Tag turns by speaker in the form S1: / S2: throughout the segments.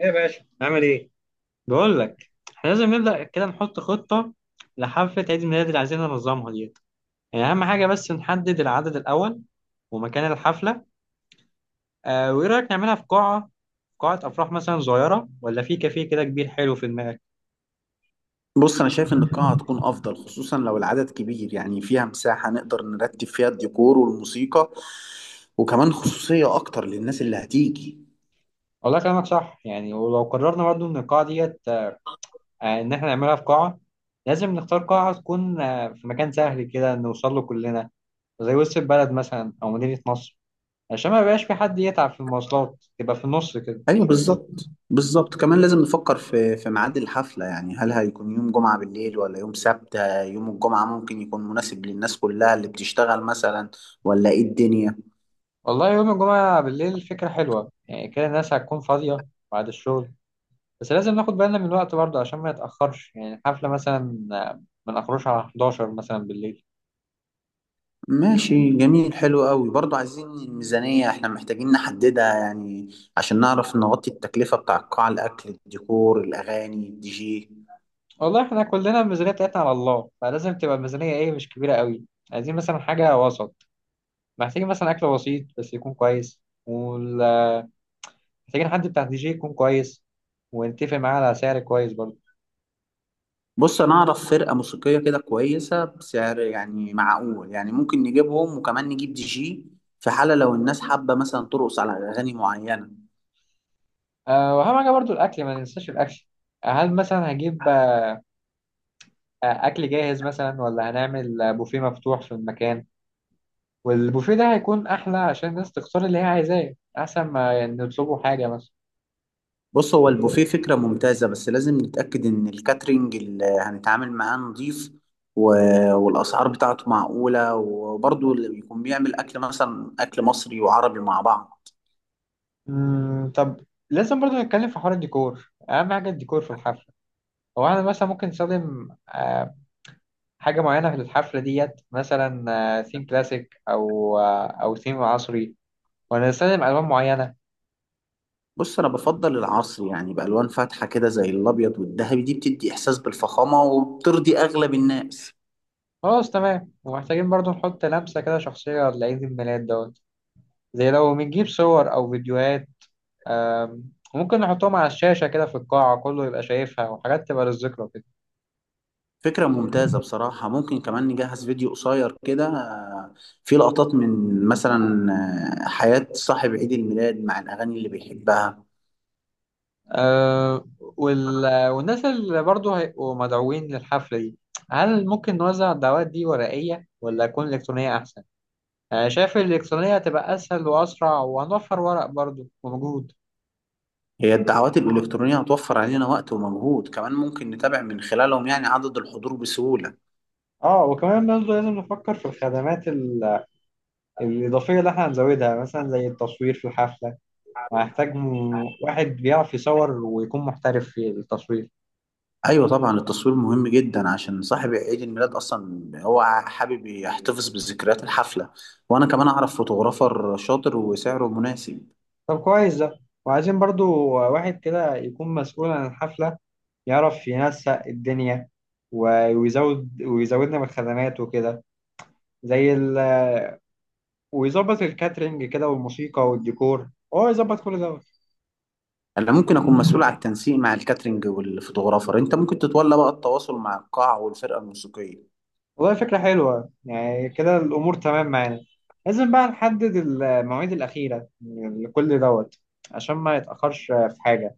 S1: ايه يا باشا نعمل ايه؟ بقول لك احنا لازم نبدأ كده نحط خطة لحفلة عيد الميلاد اللي عايزين ننظمها ديت. يعني أهم حاجة بس نحدد العدد الأول ومكان الحفلة. وإيه رأيك نعملها في قاعة أفراح مثلا صغيرة ولا في كافيه كده كبير حلو في دماغك؟
S2: بص انا شايف ان القاعه هتكون افضل خصوصا لو العدد كبير، يعني فيها مساحه نقدر نرتب فيها الديكور والموسيقى، وكمان خصوصيه اكتر للناس اللي هتيجي.
S1: والله كلامك صح يعني. ولو قررنا برضه إن القاعة ديت، إن احنا نعملها في قاعة، لازم نختار قاعة تكون في مكان سهل كده نوصل له كلنا، زي وسط البلد مثلا أو مدينة نصر، عشان ما يبقاش في حد يتعب في المواصلات، تبقى في النص كده.
S2: ايوه بالظبط بالظبط، كمان لازم نفكر في ميعاد الحفله، يعني هل هيكون يوم جمعه بالليل ولا يوم سبت؟ يوم الجمعه ممكن يكون مناسب للناس كلها اللي بتشتغل مثلا، ولا ايه الدنيا؟
S1: والله يوم الجمعة بالليل فكرة حلوة، يعني كده الناس هتكون فاضية بعد الشغل. بس لازم ناخد بالنا من الوقت برضه عشان ما نتأخرش، يعني الحفلة مثلا ما نخرجش على 11 مثلا بالليل.
S2: ماشي جميل حلو قوي، برضو عايزين الميزانية احنا محتاجين نحددها يعني، عشان نعرف نغطي التكلفة بتاع القاعة، الأكل، الديكور، الأغاني، الدي جي.
S1: والله احنا كلنا الميزانية بتاعتنا على الله، فلازم تبقى الميزانية ايه، مش كبيرة قوي. عايزين مثلا حاجة وسط. محتاجين مثلا أكل بسيط بس يكون كويس، ومحتاجين حد بتاع دي جي يكون كويس ونتفق معاه على سعر كويس برضه.
S2: بص أنا أعرف فرقة موسيقية كده كويسة بسعر يعني معقول، يعني ممكن نجيبهم وكمان نجيب دي جي في حالة لو الناس حابة مثلا ترقص على أغاني معينة.
S1: أه، وأهم حاجة برضه الأكل، ما ننساش الأكل. هل مثلا هجيب اكل جاهز مثلا، ولا هنعمل بوفيه مفتوح في المكان؟ والبوفيه ده هيكون احلى، عشان الناس تختار اللي هي عايزاه، احسن ما نطلبوا حاجه مثلا.
S2: بص هو البوفيه فكرة ممتازة، بس لازم نتأكد إن الكاترينج اللي هنتعامل معاه نضيف و... والأسعار بتاعته معقولة، وبرضه اللي بيكون بيعمل أكل مثلا أكل مصري وعربي مع بعض.
S1: طب، لازم برضو نتكلم في حوار الديكور، اهم حاجه الديكور في الحفله. هو انا مثلا ممكن نستخدم حاجه معينه في الحفله ديت، مثلا ثيم كلاسيك او ثيم عصري، ولا نستخدم الوان معينه.
S2: بص أنا بفضل العصر، يعني بألوان فاتحة كده زي الأبيض والذهبي، دي بتدي إحساس بالفخامة وبترضي أغلب الناس.
S1: خلاص، تمام. ومحتاجين برضو نحط لمسه كده شخصيه لعيد الميلاد دوت، زي لو بنجيب صور او فيديوهات، ممكن نحطهم على الشاشة كده في القاعة، كله يبقى شايفها، وحاجات تبقى للذكرى كده.
S2: فكرة ممتازة بصراحة، ممكن كمان نجهز فيديو قصير كده، فيه لقطات من مثلا حياة صاحب عيد الميلاد مع الأغاني اللي بيحبها.
S1: والناس اللي برضه هيبقوا مدعوين للحفلة دي، هل ممكن نوزع الدعوات دي ورقية ولا تكون إلكترونية أحسن؟ أنا شايف الإلكترونية هتبقى أسهل وأسرع، وهنوفر ورق برضه ومجهود.
S2: هي الدعوات الإلكترونية هتوفر علينا وقت ومجهود، كمان ممكن نتابع من خلالهم يعني عدد الحضور بسهولة.
S1: اه وكمان برضه لازم نفكر في الخدمات الإضافية اللي احنا هنزودها، مثلا زي التصوير في الحفلة. وهنحتاج واحد بيعرف يصور ويكون محترف في التصوير.
S2: أيوة طبعا التصوير مهم جدا، عشان صاحب عيد الميلاد أصلا هو حابب يحتفظ بذكريات الحفلة، وأنا كمان أعرف فوتوغرافر شاطر وسعره مناسب.
S1: طب كويس ده. وعايزين برضو واحد كده يكون مسؤول عن الحفلة، يعرف ينسق الدنيا، ويزودنا من الخدمات وكده، زي ال... ويظبط الكاترينج كده والموسيقى والديكور، هو يظبط كل ده.
S2: أنا ممكن أكون مسؤول على التنسيق مع الكاترينج والفوتوغرافر، أنت ممكن تتولى بقى التواصل مع القاعة والفرقة الموسيقية.
S1: والله فكرة حلوة، يعني كده الأمور تمام معانا. لازم بقى نحدد المواعيد الأخيرة لكل دوت عشان ما يتأخرش في حاجة.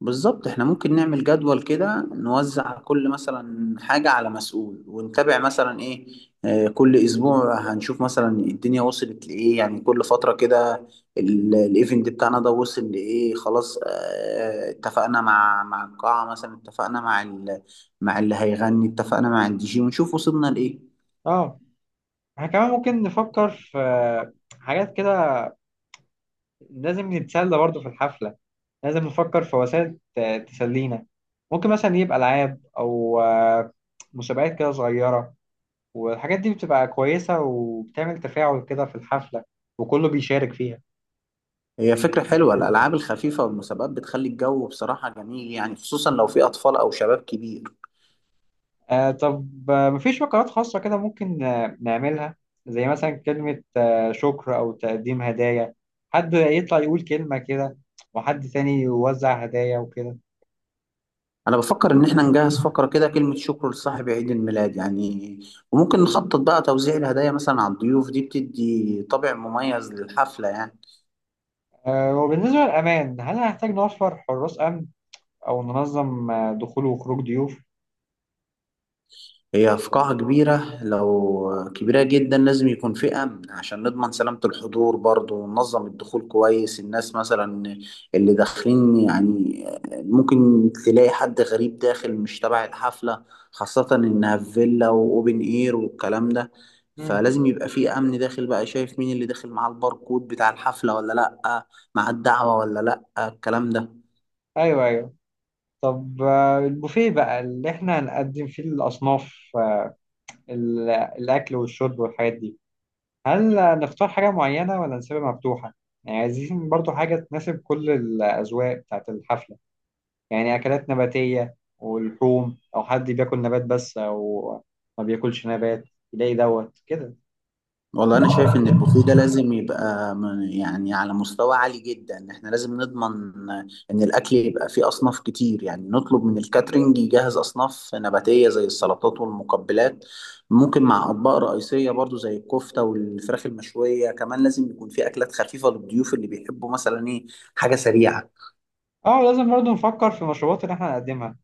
S2: بالظبط، احنا ممكن نعمل جدول كده نوزع كل مثلا حاجة على مسؤول ونتابع مثلا ايه. كل اسبوع هنشوف مثلا الدنيا وصلت لايه، يعني كل فترة كده الايفنت بتاعنا ده وصل لايه. خلاص اتفقنا مع القاعة، مثلا اتفقنا مع مع اللي هيغني، اتفقنا مع الدي جي، ونشوف وصلنا لايه.
S1: اه، احنا كمان ممكن نفكر في حاجات كده، لازم نتسلى برضو في الحفلة، لازم نفكر في وسائل تسلينا. ممكن مثلا يبقى ألعاب أو مسابقات كده صغيرة. والحاجات دي بتبقى كويسة وبتعمل تفاعل كده في الحفلة وكله بيشارك فيها.
S2: هي فكرة حلوة، الألعاب الخفيفة والمسابقات بتخلي الجو بصراحة جميل، يعني خصوصا لو في أطفال أو شباب كبير.
S1: طب، مفيش فقرات خاصة كده ممكن نعملها، زي مثلا كلمة شكر أو تقديم هدايا، حد يطلع يقول كلمة كده، وحد تاني يوزع هدايا وكده.
S2: انا بفكر ان احنا نجهز فقره كده كلمه شكر لصاحب عيد الميلاد يعني، وممكن نخطط بقى توزيع الهدايا مثلا على الضيوف، دي بتدي طابع مميز للحفله يعني.
S1: آه، وبالنسبة للأمان، هل هنحتاج نوفر حراس أمن أو ننظم دخول وخروج ضيوف؟
S2: هي في قاعة كبيرة، لو كبيرة جدا لازم يكون في أمن عشان نضمن سلامة الحضور برضه، وننظم الدخول كويس، الناس مثلا اللي داخلين يعني ممكن تلاقي حد غريب داخل مش تبع الحفلة، خاصة إنها في فيلا وأوبن إير والكلام ده.
S1: مم.
S2: فلازم يبقى في أمن داخل بقى شايف مين اللي داخل معاه الباركود بتاع الحفلة ولا لأ، مع الدعوة ولا لأ، الكلام ده.
S1: ايوه، ايوه. طب البوفيه بقى اللي احنا هنقدم فيه الاصناف، الاكل والشرب والحاجات دي، هل نختار حاجه معينه ولا نسيبها مفتوحه؟ يعني عايزين برضو حاجه تناسب كل الاذواق بتاعت الحفله، يعني اكلات نباتيه ولحوم، او حد بياكل نبات بس او ما بياكلش نبات، يلاقي دوت كده.
S2: والله انا شايف ان البوفيه ده لازم يبقى يعني على مستوى عالي جدا، احنا لازم نضمن ان الاكل يبقى فيه اصناف كتير، يعني نطلب من الكاترينج يجهز اصناف نباتية زي السلطات والمقبلات، ممكن مع اطباق رئيسية برضو زي الكفتة والفراخ المشوية، كمان لازم يكون فيه اكلات خفيفة للضيوف اللي بيحبوا مثلا ايه حاجة سريعة.
S1: اه، لازم برضو نفكر في المشروبات اللي احنا هنقدمها.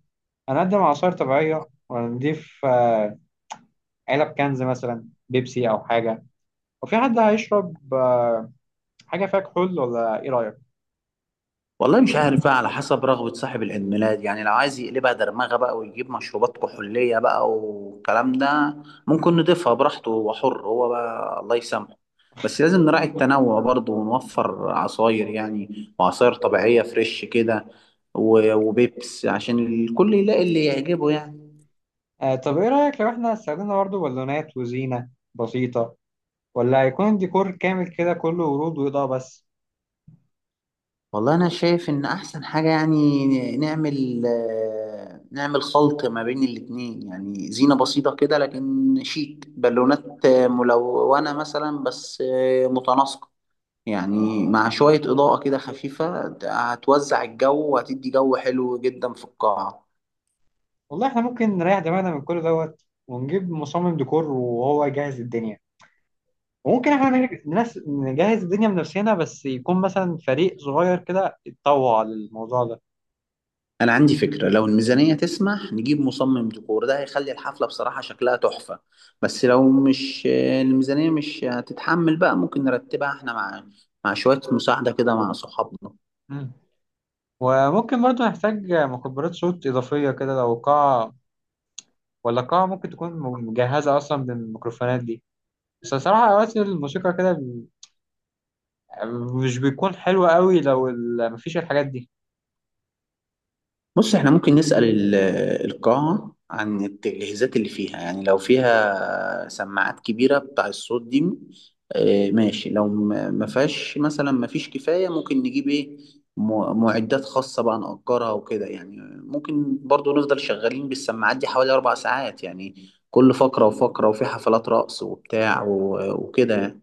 S1: هنقدم عصائر طبيعيه ولا نضيف علب كنز مثلا بيبسي او حاجه؟ وفي حد هيشرب حاجة فيها كحول ولا إيه رأيك؟
S2: والله مش عارف بقى، على حسب رغبة صاحب العيد ميلاد يعني، لو عايز يقلبها درمغة بقى ويجيب مشروبات كحولية بقى والكلام ده ممكن نضيفها براحته، هو حر، هو بقى الله يسامحه. بس لازم نراعي التنوع برضه، ونوفر عصاير يعني، وعصاير طبيعية فريش كده، وبيبس عشان الكل يلاقي اللي يعجبه يعني.
S1: طب إيه رأيك لو إحنا استخدمنا برضه بالونات وزينة بسيطة، ولا هيكون الديكور كامل كده كله ورود وإضاءة بس؟
S2: والله انا شايف ان احسن حاجه يعني نعمل نعمل خلط ما بين الاتنين، يعني زينه بسيطه كده لكن شيك، بالونات ملونه مثلا بس متناسقه، يعني مع شويه اضاءه كده خفيفه هتوزع الجو وهتدي جو حلو جدا في القاعه.
S1: والله إحنا ممكن نريح دماغنا من كل دوت ونجيب مصمم ديكور وهو يجهز الدنيا، وممكن إحنا نجهز الدنيا بنفسنا، بس يكون مثلا فريق صغير كده يتطوع للموضوع ده.
S2: انا عندي فكره، لو الميزانيه تسمح نجيب مصمم ديكور، ده هيخلي الحفله بصراحه شكلها تحفه، بس لو مش الميزانيه مش هتتحمل بقى ممكن نرتبها احنا مع شويه مساعده كده مع صحابنا.
S1: مم. وممكن برضه نحتاج مكبرات صوت إضافية كده لو قاعة، ولا قاعة ممكن تكون مجهزة أصلا بالميكروفونات دي؟ بس الصراحة أوقات الموسيقى كده مش بيكون حلوة قوي لو مفيش الحاجات دي.
S2: بص احنا ممكن نسأل القاعة عن التجهيزات اللي فيها، يعني لو فيها سماعات كبيرة بتاع الصوت دي، اه ماشي، لو ما فيهاش مثلا ما فيش كفاية ممكن نجيب ايه معدات خاصة بقى نأجرها وكده يعني. ممكن برضو نفضل شغالين بالسماعات دي حوالي أربع ساعات يعني، كل فقرة وفقرة، وفي حفلات رقص وبتاع وكده يعني.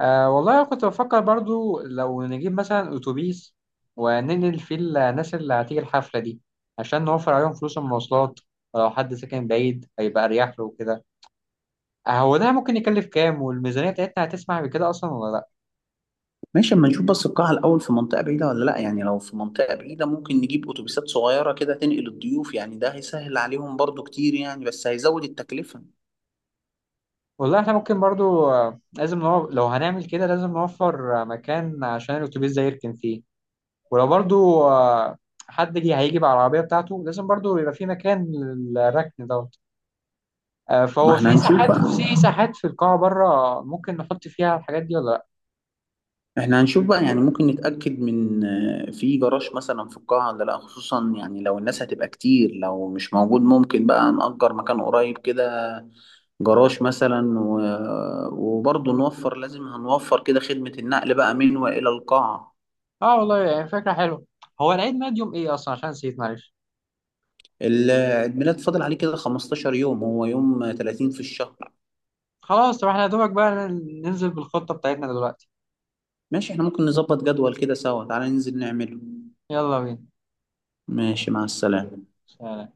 S1: أه والله أنا كنت بفكر برضو لو نجيب مثلا أتوبيس وننقل فيه الناس اللي هتيجي الحفلة دي، عشان نوفر عليهم فلوس المواصلات، ولو حد ساكن بعيد هيبقى أريح له وكده. هو ده ممكن يكلف كام، والميزانية بتاعتنا هتسمح بكده أصلا ولا لأ؟
S2: ماشي، اما نشوف بس القاعة الأول في منطقة بعيدة ولا لأ، يعني لو في منطقة بعيدة ممكن نجيب أتوبيسات صغيرة كده تنقل الضيوف، يعني ده هيسهل عليهم برضو كتير يعني، بس هيزود التكلفة.
S1: والله احنا ممكن برضو، لو هنعمل كده لازم نوفر مكان عشان الأتوبيس ده يركن فيه، ولو برضو حد جه هيجي بالعربية بتاعته لازم برضو يبقى في مكان للركن دوت.
S2: ما
S1: فهو
S2: احنا
S1: في
S2: هنشوف
S1: ساحات
S2: بقى،
S1: في ساحات في القاعة بره ممكن نحط فيها الحاجات دي ولا لا؟
S2: احنا هنشوف بقى. يعني ممكن نتأكد من في جراج مثلا في القاعة ولا لأ، خصوصا يعني لو الناس هتبقى كتير، لو مش موجود ممكن بقى نأجر مكان قريب كده، جراج مثلا وبرضه نوفر، لازم هنوفر كده خدمة النقل بقى من وإلى القاعة.
S1: اه والله، يعني فكرة حلوة. هو العيد ميلاد يوم ايه اصلا، عشان نسيت، معلش.
S2: الميلاد فاضل عليه كده 15 يوم، هو يوم 30 في الشهر.
S1: خلاص، طب احنا يا دوبك بقى ننزل بالخطة بتاعتنا دلوقتي.
S2: ماشي احنا ممكن نظبط جدول كده سوا، تعالى ننزل نعمله.
S1: يلا بينا.
S2: ماشي، مع السلامة.
S1: سلام.